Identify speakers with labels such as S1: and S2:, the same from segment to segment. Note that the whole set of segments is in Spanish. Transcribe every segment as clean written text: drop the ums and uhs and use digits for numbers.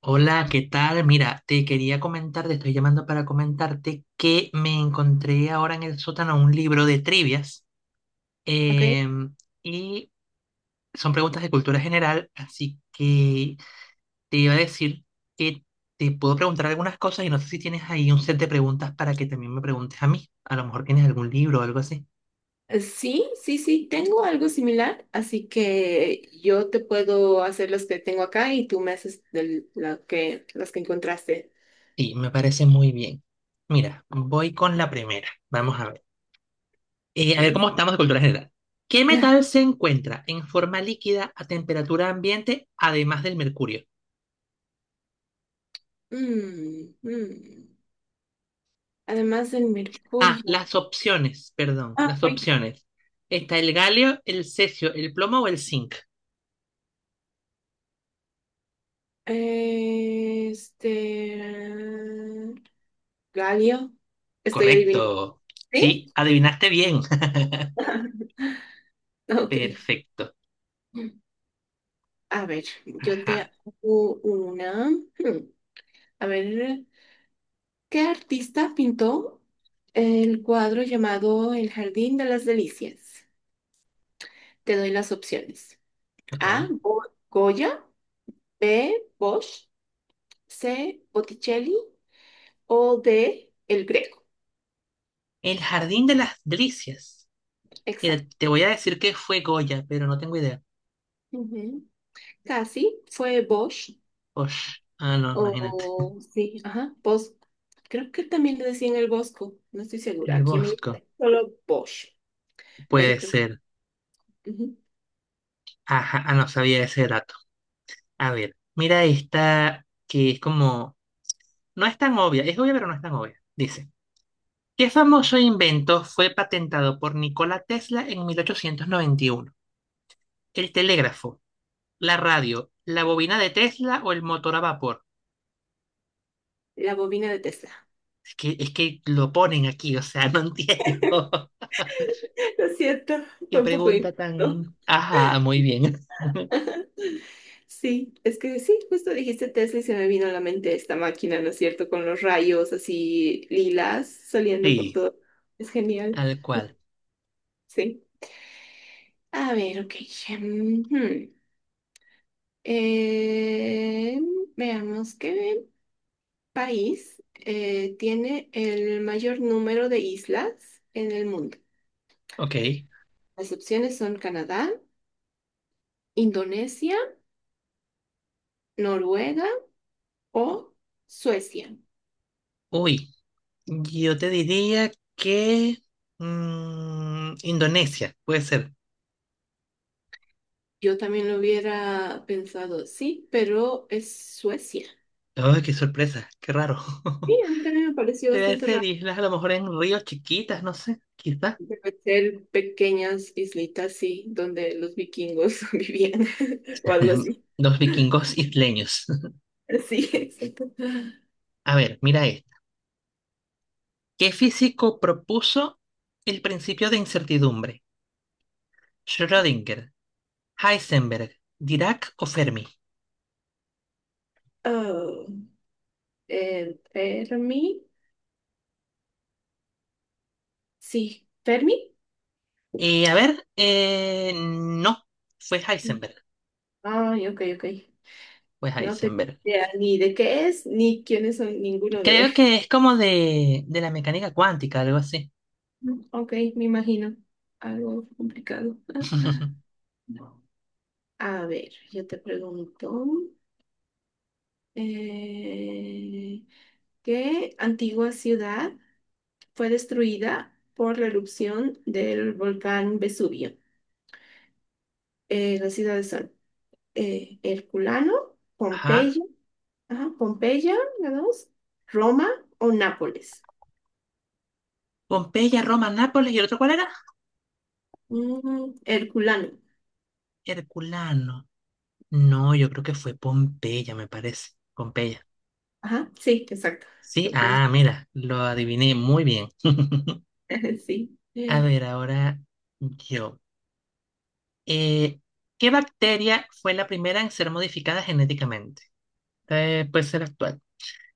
S1: Hola, ¿qué tal? Mira, te quería comentar, te estoy llamando para comentarte que me encontré ahora en el sótano un libro de trivias
S2: Ok.
S1: em, y son preguntas de cultura general, así que te iba a decir que te puedo preguntar algunas cosas y no sé si tienes ahí un set de preguntas para que también me preguntes a mí. A lo mejor tienes algún libro o algo así.
S2: Sí, sí, sí, tengo algo similar, así que yo te puedo hacer los que tengo acá y tú me haces la que, las que encontraste.
S1: Sí, me parece muy bien. Mira, voy con la primera. Vamos a ver. A ver cómo
S2: Ok.
S1: estamos de cultura general. ¿Qué
S2: Ah,
S1: metal se encuentra en forma líquida a temperatura ambiente además del mercurio?
S2: mm, mm. Además del
S1: Ah,
S2: mercurio.
S1: las opciones, perdón,
S2: Ah,
S1: las
S2: ok.
S1: opciones. Está el galio, el cesio, el plomo o el zinc.
S2: Eh, Este. Galio. Estoy adivinando.
S1: Correcto.
S2: ¿Sí?
S1: Sí, adivinaste bien.
S2: Ok.
S1: Perfecto.
S2: A ver, yo
S1: Ajá,
S2: te hago una. Hmm, A ver. ¿Qué artista pintó el cuadro llamado El Jardín de las Delicias? Te doy las opciones. A.
S1: ok.
S2: Goya. B. Bosch. C. Botticelli. O D. El Greco.
S1: El jardín de las delicias. Mira,
S2: Exacto.
S1: te voy a decir que fue Goya, pero no tengo idea.
S2: Ujú. Casi fue Bosch.
S1: Osh. Ah, no, imagínate.
S2: O sí, ajá, Bosch. Creo que también le decían el Bosco. No estoy segura.
S1: El
S2: Aquí me
S1: Bosco.
S2: solo Bosch. Pero
S1: Puede
S2: creo
S1: ser.
S2: que ujú.
S1: Ajá, ah, no sabía ese dato. A ver, mira esta que es como, no es tan obvia, es obvia pero no es tan obvia. Dice, ¿qué famoso invento fue patentado por Nikola Tesla en 1891? ¿El telégrafo, la radio, la bobina de Tesla o el motor a vapor?
S2: La bobina de Tesla.
S1: Es que lo ponen aquí, o sea, no entiendo.
S2: Lo siento,
S1: Qué
S2: fue un poco
S1: pregunta
S2: injusto.
S1: tan... Ajá, muy bien.
S2: Sí, es que sí, justo dijiste Tesla y se me vino a la mente esta máquina, ¿no es cierto? Con los rayos así lilas saliendo por
S1: Sí,
S2: todo. Es genial,
S1: tal cual.
S2: sí. A ver, ok. Ujú. Eh, Veamos qué país tiene el mayor número de islas en el mundo.
S1: Ok.
S2: Las opciones son Canadá, Indonesia, Noruega o Suecia.
S1: Uy, yo te diría que... mm, Indonesia, puede ser.
S2: Yo también lo hubiera pensado, sí, pero es Suecia.
S1: Ay, qué sorpresa, qué raro.
S2: Sí, a mí también me pareció
S1: Debe
S2: bastante
S1: ser
S2: raro.
S1: islas a lo mejor en ríos chiquitas, no sé, quizás.
S2: Debe ser pequeñas islitas, sí, donde los vikingos vivían o algo así.
S1: Los vikingos isleños.
S2: Sí, exacto.
S1: A ver, mira esto. ¿Qué físico propuso el principio de incertidumbre? Schrödinger, Heisenberg, Dirac o Fermi.
S2: Oh, Fermi, sí, Fermi.
S1: No, fue Heisenberg.
S2: Ay, ok, ok.
S1: Fue
S2: No te
S1: Heisenberg.
S2: idea ni de qué es, ni quiénes son ninguno de
S1: Creo que
S2: ellos.
S1: es como de la mecánica cuántica, algo así.
S2: Ok, me imagino. Algo complicado. A ver, yo te pregunto, eh, ¿qué antigua ciudad fue destruida por la erupción del volcán Vesubio? Las ciudades son Herculano,
S1: Ajá.
S2: Pompeya, ajá, Pompeya, la dos, Roma o Nápoles.
S1: Pompeya, Roma, Nápoles y el otro, ¿cuál era?
S2: Mm, Herculano,
S1: Herculano. No, yo creo que fue Pompeya, me parece. Pompeya.
S2: ajá, sí, exacto.
S1: Sí,
S2: Lo puse,
S1: ah, mira, lo adiviné muy bien.
S2: sí.
S1: A ver, ahora yo. Eh, ¿Qué bacteria fue la primera en ser modificada genéticamente? Puede ser actual.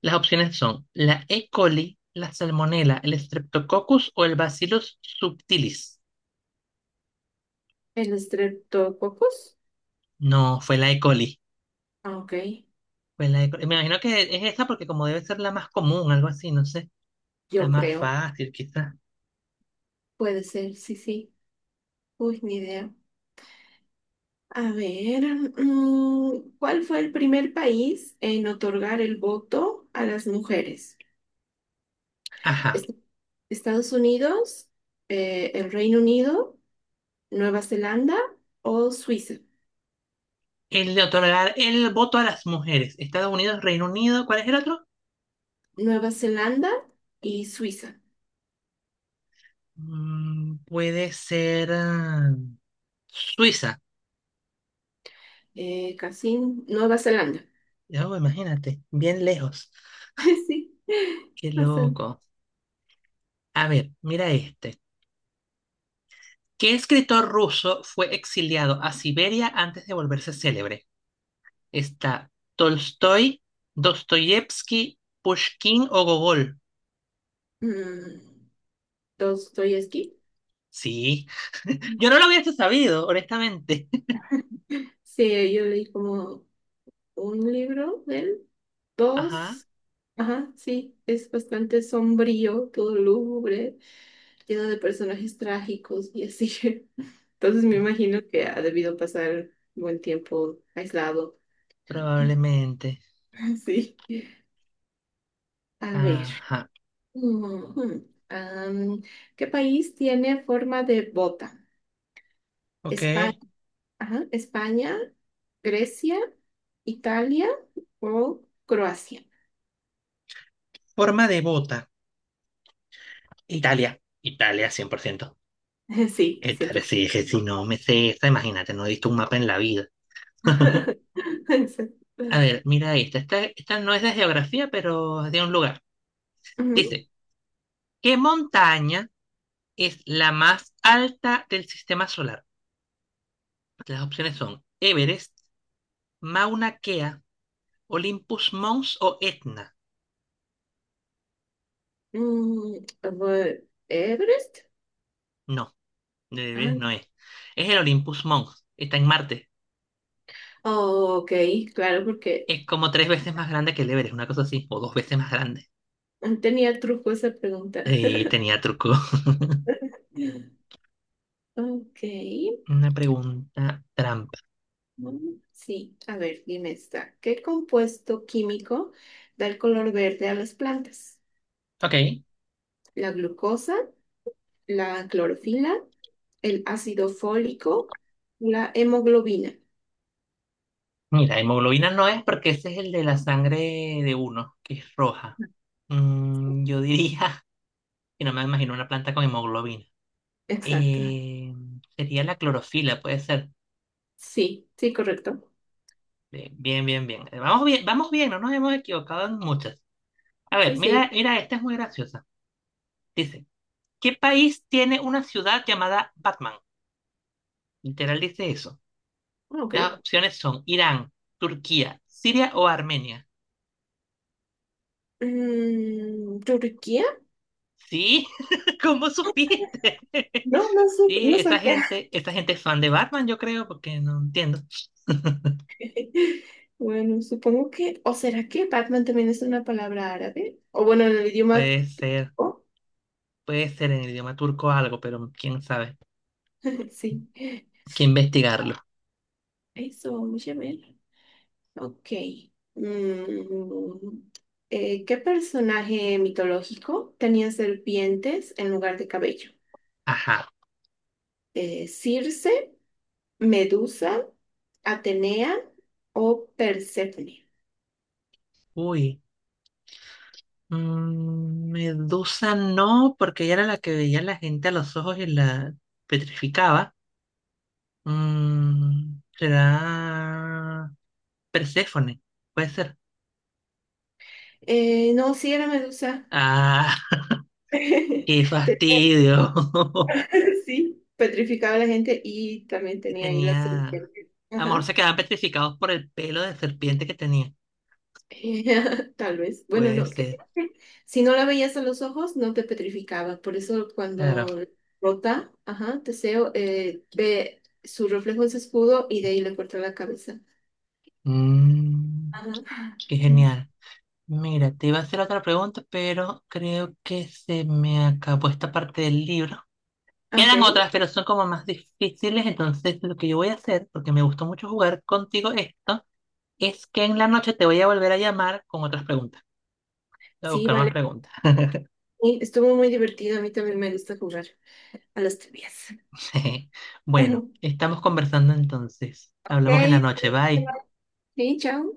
S1: Las opciones son la E. coli, la Salmonella, el Streptococcus o el Bacillus subtilis.
S2: El estreptococos,
S1: No, fue la E. coli.
S2: ah, ok,
S1: Fue la E. coli. Me imagino que es esa porque como debe ser la más común, algo así, no sé, la
S2: yo
S1: más
S2: creo,
S1: fácil quizás.
S2: puede ser, sí, sí. Uy, ni idea. A ver, mm, ¿cuál fue el primer país en otorgar el voto a las mujeres?
S1: Ajá.
S2: Est- ¿Estados Unidos, el Reino Unido, Nueva Zelanda o Suiza?
S1: El de otorgar el voto a las mujeres. Estados Unidos, Reino Unido, ¿cuál es el otro?
S2: Nueva Zelanda y Suiza.
S1: Mm, puede ser ah, Suiza.
S2: Casi Nueva Zelanda.
S1: Ya, oh, imagínate, bien lejos.
S2: Sí,
S1: Qué
S2: bastante.
S1: loco. A ver, mira este. ¿Qué escritor ruso fue exiliado a Siberia antes de volverse célebre? Está Tolstoy, Dostoyevsky, Pushkin o Gogol.
S2: Mm, Dostoyevsky.
S1: Sí. Yo no lo hubiese sabido, honestamente.
S2: Sí, yo leí como un libro de él,
S1: Ajá.
S2: dos. Ajá, sí, es bastante sombrío, todo lúgubre, lleno de personajes trágicos y así. Entonces me imagino que ha debido pasar buen tiempo aislado.
S1: Probablemente.
S2: Sí. A ver.
S1: Ajá.
S2: Ujú. Am, ¿qué país tiene forma de bota? España,
S1: Ok.
S2: ajá España, Grecia, Italia o Croacia.
S1: Forma de bota. Italia. Italia, 100%,
S2: Sí,
S1: Italia, sí,
S2: 100%.
S1: dije, si no me sé esta, imagínate, no he visto un mapa en la vida. A ver, mira esta. Esta no es de geografía, pero es de un lugar.
S2: Ujú.
S1: Dice, ¿qué montaña es la más alta del sistema solar? Las opciones son Everest, Mauna Kea, Olympus Mons o Etna.
S2: Mm, fue ¿Everest?
S1: No, de
S2: Ah,
S1: Everest no es. Es el Olympus Mons. Está en Marte.
S2: oh, ok, claro, porque
S1: Es como tres veces más grande que el Everest, una cosa así, o dos veces más grande.
S2: tenía truco esa pregunta.
S1: Tenía truco.
S2: Ok,
S1: Una pregunta trampa.
S2: mm, sí, a ver, dime esta. ¿Qué compuesto químico da el color verde a las plantas?
S1: Ok.
S2: ¿La glucosa, la clorofila, el ácido fólico, la hemoglobina?
S1: Mira, hemoglobina no es porque ese es el de la sangre de uno, que es roja. Mm, yo diría que no me imagino una planta con hemoglobina.
S2: Exacto.
S1: Eh, Sería la clorofila, puede ser.
S2: Sí, sí, correcto.
S1: Bien, bien, bien. Vamos bien, vamos bien, no nos hemos equivocado en muchas. A
S2: Sí,
S1: ver, mira,
S2: sí,
S1: mira, esta es muy graciosa. Dice, ¿qué país tiene una ciudad llamada Batman? Literal dice eso.
S2: ok.
S1: Las opciones son Irán, Turquía, Siria o Armenia.
S2: Mm, ¿Turquía?
S1: Sí, ¿cómo supiste?
S2: No, no,
S1: Sí,
S2: no
S1: esta
S2: sabía.
S1: gente, esta gente es fan de Batman, yo creo, porque no entiendo.
S2: Bueno, supongo que, o será que Batman también es una palabra árabe, o bueno, en el idioma,
S1: Puede ser,
S2: oh,
S1: puede ser en el idioma turco algo, pero quién sabe.
S2: sí,
S1: Hay que investigarlo.
S2: eso, vamos a ver, ok, mm, ¿qué personaje mitológico tenía serpientes en lugar de cabello?
S1: Ajá.
S2: ¿Circe, Medusa, Atenea o Perséfone?
S1: Uy. Mm, Medusa no, porque ella era la que veía a la gente a los ojos y la petrificaba. Mm, será Perséfone, puede ser.
S2: No, sí era Medusa,
S1: Ah, qué
S2: tenía
S1: fastidio.
S2: sí, petrificaba a la gente y también
S1: Y
S2: tenía ahí la
S1: tenía.
S2: serpiente.
S1: A lo mejor
S2: Ajá.
S1: se quedaban petrificados por el pelo de serpiente que tenía.
S2: Tal vez. Bueno,
S1: Puede
S2: no.
S1: ser.
S2: Si no la veías a los ojos, no te petrificaba. Por eso
S1: Claro.
S2: cuando rota, ajá, Teseo ve su reflejo en su escudo y de ahí le corta la cabeza.
S1: Mm,
S2: Ajá.
S1: qué genial. Mira, te iba a hacer otra pregunta, pero creo que se me acabó esta parte del libro.
S2: Ok.
S1: Quedan otras, pero son como más difíciles. Entonces, lo que yo voy a hacer, porque me gustó mucho jugar contigo esto, es que en la noche te voy a volver a llamar con otras preguntas. Voy a
S2: Sí,
S1: buscar más
S2: vale.
S1: preguntas.
S2: Sí, estuvo muy divertido. A mí también me gusta jugar a las trivias.
S1: Sí. Bueno, estamos conversando entonces.
S2: Ok.
S1: Hablamos en la noche. Bye.
S2: Sí, chao.